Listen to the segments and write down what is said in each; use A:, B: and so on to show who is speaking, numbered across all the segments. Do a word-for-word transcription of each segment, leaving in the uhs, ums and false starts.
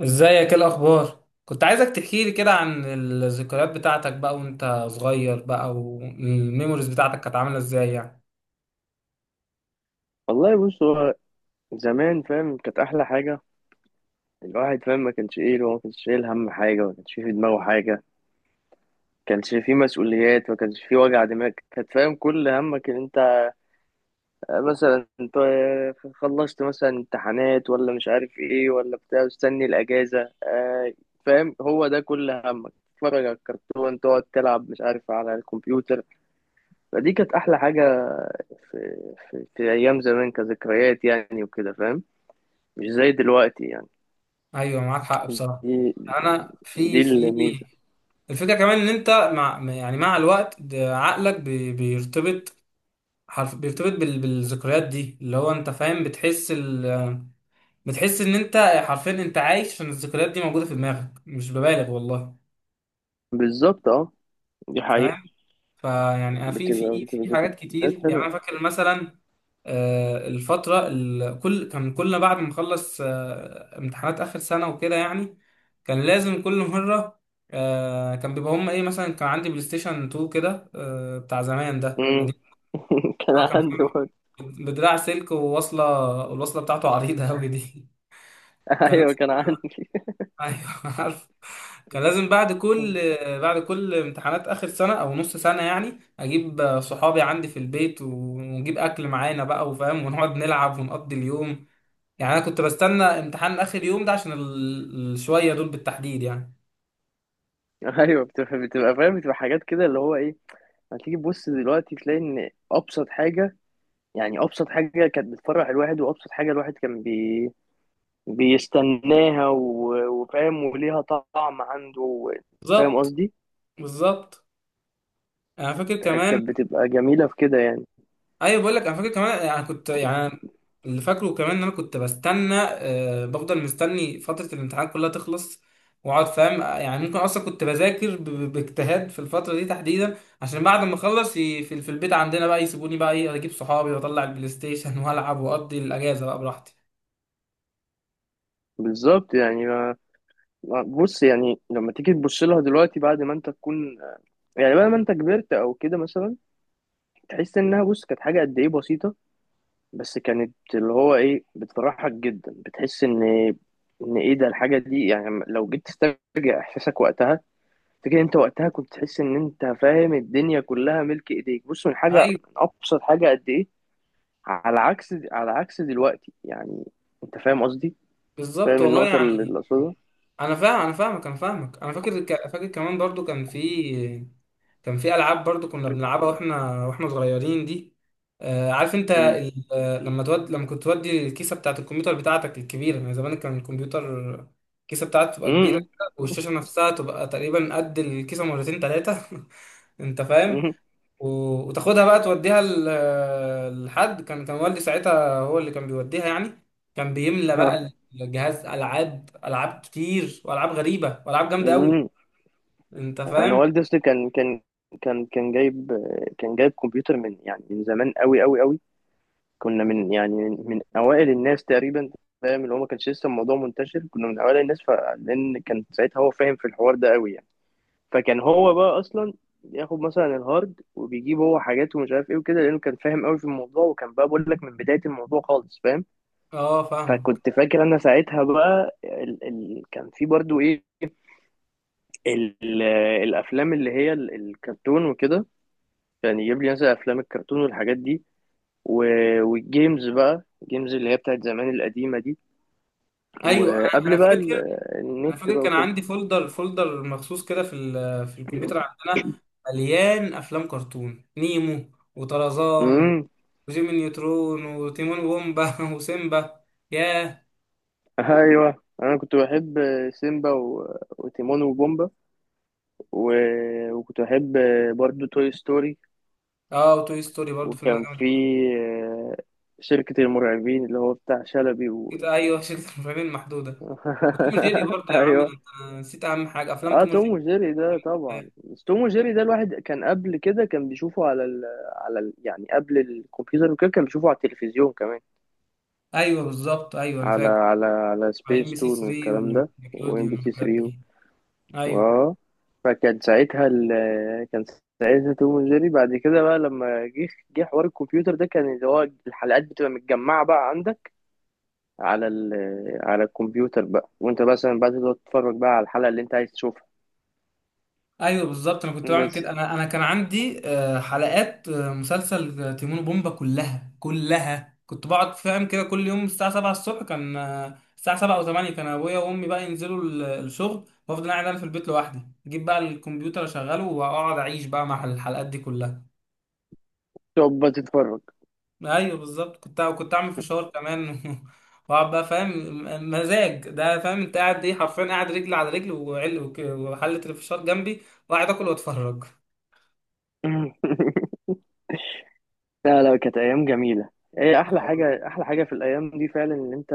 A: ازيك؟ ايه الاخبار؟ كنت عايزك تحكي لي كده عن الذكريات بتاعتك بقى وانت صغير بقى، والميموريز بتاعتك كانت عامله ازاي يعني.
B: والله بص، هو زمان فاهم؟ كانت احلى حاجه. الواحد فاهم ما كانش ايه، هو ما كانش شايل هم حاجه، ما كانش في دماغه حاجه، ما كانش في مسؤوليات، ما كانش في وجع دماغ. كانت فاهم كل همك ان انت مثلا انت خلصت مثلا امتحانات ولا مش عارف ايه ولا بتاع، مستني الاجازه. آه، فاهم، هو ده كل همك، تتفرج على الكرتون، تقعد تلعب مش عارف على الكمبيوتر. فدي كانت احلى حاجه في, في, في ايام زمان، كذكريات يعني وكده فاهم، مش زي دلوقتي
A: ايوه معاك حق بصراحه.
B: يعني.
A: انا
B: دي
A: في في
B: الميزة.
A: الفكره كمان ان انت مع يعني مع الوقت ده عقلك بي- بيرتبط حرف بيرتبط بال- بالذكريات دي، اللي هو انت فاهم، بتحس ال... بتحس ان انت حرفيا انت عايش، عشان الذكريات دي موجوده في دماغك، مش ببالغ والله،
B: بالظبط، اه. دي حقيقة.
A: فاهم. فيعني أنا في
B: بتبقى
A: في
B: بتبقى
A: في حاجات
B: ذكريات
A: كتير، يعني
B: حلوة.
A: انا فاكر مثلا آه، الفترة ال- كل كان كلنا بعد ما نخلص آه، امتحانات آخر سنة وكده يعني، كان لازم كل مرة آه، كان بيبقى هما إيه، مثلا كان عندي بلاي ستيشن اتنين كده، آه، بتاع زمان ده
B: مم.
A: قديم.
B: كان
A: هو كان
B: عندي برضه.
A: بدراع سلك، وواصلة الوصلة بتاعته عريضة أوي دي. كان
B: ايوه
A: لازم.
B: كان عندي.
A: أيوه عارف، كان لازم بعد كل بعد كل امتحانات آخر سنة أو نص سنة يعني أجيب صحابي عندي في البيت، ونجيب أكل معانا بقى وفاهم، ونقعد نلعب ونقضي اليوم. يعني انا كنت بستنى امتحان اخر يوم ده عشان ال- الشويه دول بالتحديد يعني.
B: ايوه بتبقى بتبقى فاهم، بتبقى حاجات كده اللي هو ايه. هتيجي تبص دلوقتي تلاقي ان ابسط حاجه، يعني ابسط حاجه كانت بتفرح الواحد، وابسط حاجه الواحد كان بي... بيستناها و... وفاهم وليها طعم عنده و- فاهم
A: بالظبط.
B: قصدي؟
A: بالظبط انا فاكر
B: كانت
A: كمان.
B: كانت بتبقى جميله في كده يعني.
A: ايوه بقول لك انا فاكر كمان يعني، كنت يعني اللي فاكره كمان ان انا كنت بستنى، آه بفضل مستني فتره الامتحان كلها تخلص واقعد فاهم، آه، يعني ممكن اصلا كنت بذاكر ب- ب- باجتهاد في الفتره دي تحديدا، عشان بعد ما اخلص ي- في في البيت عندنا بقى يسيبوني بقى ايه اجيب صحابي، واطلع البلاي ستيشن والعب واقضي الاجازه بقى براحتي.
B: بالظبط يعني. بص، يعني لما تيجي تبص لها دلوقتي بعد ما انت تكون، يعني بعد ما انت كبرت او كده مثلا، تحس انها، بص، كانت حاجه قد ايه بسيطه، بس كانت اللي هو ايه بتفرحك جدا. بتحس ان ان ايه ده الحاجه دي. يعني لو جيت تسترجع احساسك وقتها، فكره، انت وقتها كنت تحس ان انت، فاهم، الدنيا كلها ملك ايديك، بص، من حاجه،
A: ايوه
B: من ابسط حاجه قد ايه. على عكس على عكس دلوقتي يعني. انت فاهم قصدي؟
A: بالظبط
B: فاهم
A: والله
B: النقطه
A: يعني.
B: اللي اللي اقصدها.
A: انا فاهم، انا فاهمك، انا فاهمك، انا فاكر ك- فاكر كمان برضو كان في، كان في العاب برضو كنا بنلعبها واحنا واحنا صغيرين دي. آه عارف انت
B: امم.
A: ال... آه، لما تود لما كنت تودي الكيسه بتاعت الكمبيوتر بتاعتك الكبيره، يعني زمان كان الكمبيوتر الكيسه بتاعته تبقى كبيره
B: امم.
A: كده، والشاشه نفسها تبقى تقريبا قد الكيسه مرتين ثلاثه. انت فاهم.
B: امم.
A: و- وتاخدها بقى توديها ل- لحد، كان كان والدي ساعتها هو اللي كان بيوديها يعني، كان بيملى بقى الجهاز العاب، العاب كتير والعاب غريبه، والعاب جامده قوي. انت
B: انا
A: فاهم.
B: والدي اصلي كان كان كان كان جايب، كان جايب كمبيوتر من يعني من زمان قوي قوي قوي. كنا من يعني من, من اوائل الناس تقريبا. فاهم، اللي هو ما كانش لسه الموضوع منتشر. كنا من اوائل الناس. فلان كان ساعتها هو فاهم في الحوار ده قوي يعني. فكان هو بقى اصلا ياخد مثلا الهارد وبيجيب هو حاجات ومش عارف ايه وكده، لانه كان فاهم قوي في الموضوع، وكان بقى، بقول لك من بداية الموضوع خالص، فاهم.
A: اه فاهم.
B: فكنت فاكر انا ساعتها بقى ال... ال... كان في برضو ايه، ال... الافلام اللي هي ال- الكرتون وكده. يعني يجيب لي مثلا افلام الكرتون والحاجات دي و... والجيمز بقى، الجيمز اللي هي بتاعت زمان القديمة دي،
A: ايوه انا أنا
B: وقبل بقى ال-
A: فاكر. انا
B: النت
A: فاكر
B: بقى
A: كان
B: وكده.
A: عندي فولدر فولدر مخصوص كده في ال- في الكمبيوتر عندنا، مليان افلام كرتون: نيمو، وطرزان،
B: امم.
A: وجيمي نيوترون، وتيمون وومبا، وسيمبا. ياه.
B: ايوه انا كنت بحب سيمبا و... وتيمون وبومبا و... وكنت بحب برضو توي ستوري.
A: اه وتوي ستوري برضه فيلم ده
B: وكان
A: جامد.
B: في آه، شركة المرعبين، اللي هو بتاع شلبي
A: كت-
B: و...
A: ايوه شركه المرعبين المحدوده، وتوم وجيري برضه يا عم
B: ايوه.
A: انت. نسيت اهم حاجه، افلام
B: اه
A: توم
B: توم
A: وجيري.
B: وجيري ده طبعا، بس توم وجيري ده الواحد كان قبل كده كان بيشوفه على ال على ال يعني قبل الكمبيوتر وكده، كان بيشوفه على التلفزيون كمان.
A: ايوه بالظبط، ايوه انا
B: على
A: فاكر،
B: على على
A: على ام
B: سبيس
A: بي سي
B: تون
A: ثلاثة
B: والكلام ده، وام بي
A: ونيكلوديون
B: سي
A: والحاجات
B: ثري.
A: دي. ايوه.
B: اه. فكان ساعتها ال كان ساعتها توم وجيري بعد كده بقى لما جه جه حوار الكمبيوتر ده، كان اللي هو الحلقات بتبقى متجمعة بقى عندك على ال على الكمبيوتر بقى، وانت مثلا بقى تقعد تتفرج بقى على الحلقة اللي انت عايز تشوفها.
A: ايوه بالظبط، انا كنت بعمل
B: بس
A: كده. انا انا كان عندي آه، حلقات آه، مسلسل آه، تيمون وبومبا كلها، كلها كنت بقعد فاهم كده كل يوم الساعه السابعة الصبح، كان آه، الساعه سبعة او تمانية كان ابويا وامي بقى ينزلوا ال- الشغل، وافضل قاعد انا في البيت لوحدي، اجيب بقى الكمبيوتر اشغله، واقعد اعيش بقى مع الحلقات دي كلها.
B: تقعد بقى تتفرج.
A: ايوه بالظبط. كنت كنت اعمل فشار كمان، واقعد بقى فاهم م- مزاج ده، فاهم انت قاعد ايه، حرفيا قاعد رجل على رجل، وعل وك- وحله الفشار جنبي، وقاعد اكل واتفرج.
B: لا لا، كانت ايام جميله. ايه احلى حاجه، احلى حاجه في الايام دي فعلا، ان انت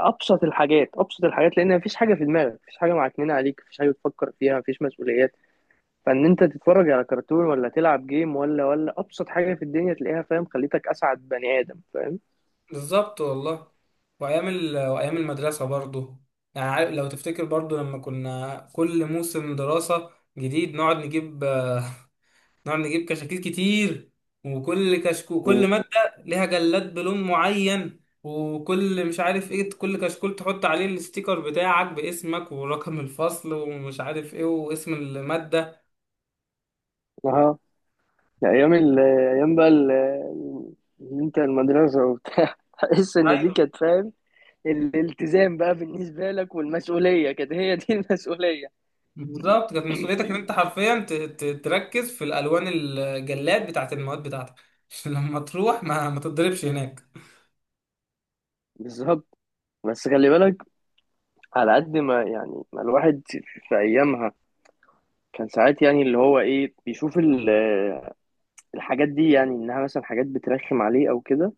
B: ابسط الحاجات، ابسط الحاجات، لان مفيش حاجه في دماغك، مفيش حاجه معكنينه عليك، مفيش حاجه تفكر فيها، مفيش مسؤوليات. فان انت تتفرج على كرتون ولا تلعب جيم ولا ولا ابسط حاجه في الدنيا تلاقيها، فاهم، خليتك اسعد بني ادم، فاهم.
A: بالظبط والله. وايام ال... وايام المدرسه برضو، يعني عارف، لو تفتكر برضو لما كنا كل موسم دراسه جديد نقعد نجيب نقعد نجيب كشاكيل كتير، وكل كشكو كل
B: مم.
A: مادة ليها جلاد بلون معين، وكل مش عارف ايه، كل كشكول تحط عليه الستيكر بتاعك باسمك ورقم الفصل ومش عارف ايه واسم المادة.
B: اه ايام ال- ايام بقى ال- ال- انت المدرسه وبتاع، تحس ان دي
A: ايوه
B: كانت، فاهم، الالتزام بقى بالنسبه لك، والمسؤوليه كانت هي دي المسؤوليه.
A: بالظبط، كانت مسؤوليتك ان انت حرفيا ت- ت- تركز في الالوان، الجلاد بتاعت المواد بتاعتك، عشان لما تروح ما ما تتضربش هناك.
B: بالظبط. بس خلي بالك، على قد ما يعني ما الواحد في ايامها كان ساعات يعني اللي هو ايه بيشوف ال- الحاجات دي، يعني انها مثلا حاجات بترخم عليه او كده،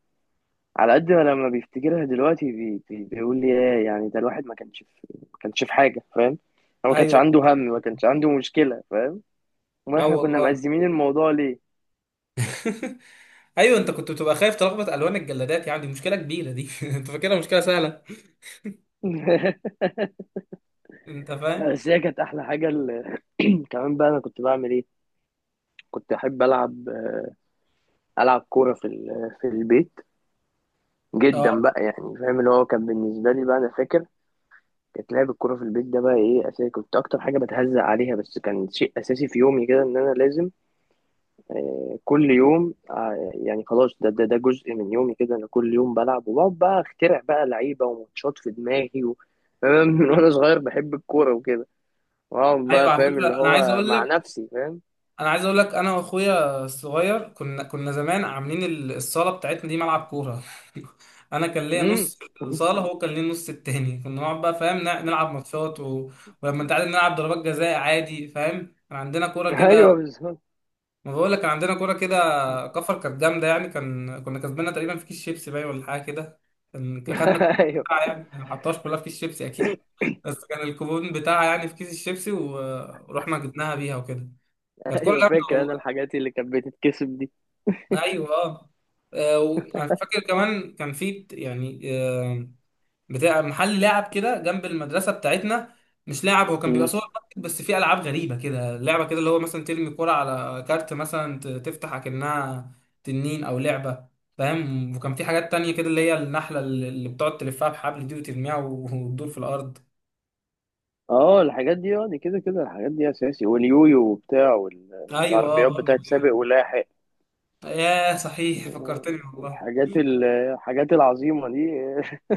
B: على قد ما لما بيفتكرها دلوقتي بي بي بيقول لي ايه يعني ده، الواحد ما كانش في، ما كانش في حاجه، فاهم. هو ما كانش
A: ايوه.
B: عنده هم، ما كانش عنده مشكله، فاهم. ما
A: اه
B: احنا كنا
A: والله.
B: مقزمين الموضوع ليه.
A: ايوه انت كنت بتبقى خايف تلخبط الوان الجلادات، يعني دي مشكله كبيره دي. انت فاكرها مشكله سهله؟ انت فاهم.
B: بس هي كانت احلى حاجه ال- كمان بقى انا كنت بعمل ايه، كنت احب العب، العب كوره في ال- في البيت جدا
A: اه.
B: بقى، يعني فاهم اللي هو كان بالنسبه لي بقى، انا فاكر، كانت لعب الكوره في البيت ده بقى ايه اساسي. كنت اكتر حاجه بتهزق عليها، بس كان شيء اساسي في يومي كده، ان انا لازم آه كل يوم آه يعني، خلاص ده ده ده جزء من يومي كده، انا كل يوم بلعب وبقعد بقى اخترع بقى لعيبه وماتشات في دماغي و... فاهم؟ من وانا صغير بحب الكوره وكده، واقعد
A: ايوه
B: بقى
A: على
B: فاهم اللي
A: فكره انا عايز
B: هو
A: اقول
B: مع
A: لك،
B: نفسي، فاهم.
A: انا عايز اقول لك، انا واخويا الصغير كنا كنا زمان عاملين ال- الصاله بتاعتنا دي ملعب كوره. انا كان ليا
B: امم.
A: نص الصاله، هو كان ليه النص التاني، كنا نقعد بقى فاهم نع- نلعب ماتشات، و... ولما انت عارف، نلعب ضربات جزاء عادي فاهم، كان عندنا كوره كده.
B: ايوه بالظبط.
A: ما بقول لك كان عندنا كوره كده، كفر، كانت جامده يعني. كان كنا كسبنا تقريبا في كيس شيبسي، باين ولا حاجه كده. كان خدنا الكوبون بتاعها
B: ايوه
A: يعني، ما حطهاش كلها في كيس شيبسي اكيد، بس كان الكوبون بتاعها يعني في كيس الشيبسي، و- ورحنا جبناها بيها وكده. كانت كوره
B: ايوه
A: جامده
B: فاكر انا
A: والله.
B: الحاجات اللي كانت بتتكسب
A: ايوه اه. آه، وانا فاكر كمان كان في يعني آه، بتاع محل لعب كده جنب المدرسه بتاعتنا. مش لعب، هو كان بيبقى
B: دي.
A: سوبر ماركت، بس فيه العاب غريبه كده، لعبه كده اللي هو مثلا ترمي كرة على كارت مثلا ت- تفتح اكنها تنين او لعبه، فاهم. وكان في حاجات تانية كده اللي هي النحله، اللي اللي بتقعد تلفها بحبل دي وترميها و- وتدور في الارض.
B: اه الحاجات دي، اه دي كده كده الحاجات دي اساسي، واليويو وبتاع،
A: ايوه
B: والعربيات
A: برضه.
B: بتاعت سابق ولاحق،
A: ياه صحيح فكرتني والله.
B: الحاجات ال- الحاجات العظيمه دي.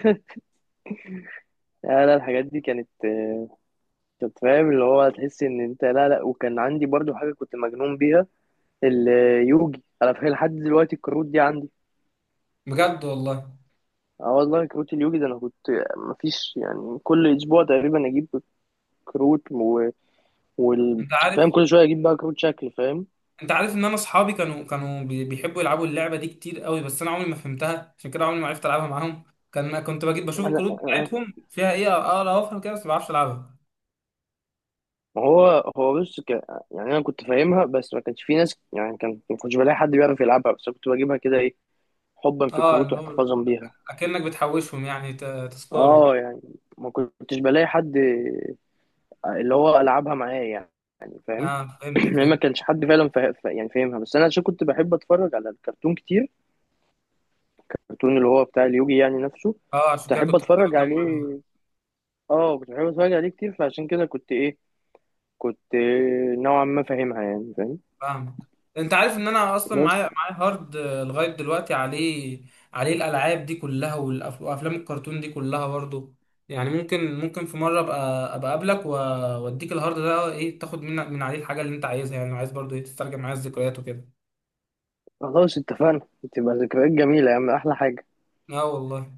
B: لا لا، الحاجات دي كانت، كنت فاهم اللي هو تحس ان انت، لا لا، وكان عندي برضو حاجه كنت مجنون بيها، اليوجي. انا فاكر لحد دلوقتي الكروت دي عندي.
A: بجد والله.
B: اه والله، كروت اليوجي ده انا كنت، مفيش يعني كل اسبوع تقريبا اجيب كروت و... وال...
A: انت
B: فاهم،
A: عارف،
B: كل شويه اجيب بقى كروت شكل، فاهم.
A: انت عارف ان انا اصحابي كانوا كانوا بي- بيحبوا يلعبوا اللعبه دي كتير قوي، بس انا عمري ما فهمتها، عشان كده عمري ما عرفت العبها معاهم. كان ما كنت بجيب بشوف
B: انا،
A: الكروت بتاعتهم فيها ايه، اقرا وافهم كده بس ما بعرفش العبها.
B: ما هو هو بص ك... يعني انا كنت فاهمها، بس ما كانش في ناس، يعني كان ما كنتش بلاقي حد بيعرف يلعبها، بس كنت بجيبها كده ايه، حبا في
A: اه
B: الكروت
A: اللي هو
B: واحتفاظا بيها.
A: اكنك بتحوشهم يعني، ت- تذكار وكده.
B: اه يعني ما كنتش بلاقي حد اللي هو العبها معايا يعني، فاهم.
A: اه فهمتك
B: يعني ما
A: فهمت.
B: كانش حد فعلا فا... فا- يعني فاهمها، بس انا عشان كنت بحب اتفرج على الكرتون كتير، الكرتون اللي هو بتاع اليوجي يعني نفسه،
A: اه عشان
B: كنت
A: كده
B: احب
A: كنت محتاج
B: اتفرج
A: اجمع.
B: عليه. اه كنت بحب اتفرج عليه كتير، فعشان كده كنت ايه، كنت نوعا ما فاهمها، يعني فاهم.
A: فاهمك. انت عارف ان انا اصلا
B: بس
A: معايا معايا هارد آه، لغايه دلوقتي، عليه، عليه الالعاب دي كلها، والأف- وافلام الكرتون دي كلها برضو. يعني ممكن ممكن في مره ابقى ابقى اقابلك و- واديك الهارد ده ايه، تاخد من من عليه الحاجه اللي انت عايزها، يعني لو عايز برضو ايه تسترجع معايا الذكريات وكده.
B: خلاص اتفقنا، تبقى ذكريات جميلة يا عم، أحلى حاجة.
A: اه والله.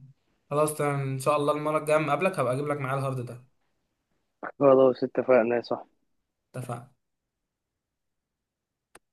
A: خلاص تمام، ان شاء الله المره الجايه اما اقابلك هبقى اجيب لك معايا الهارد ده.
B: خلاص اتفقنا يا صاحبي.
A: اتفقنا.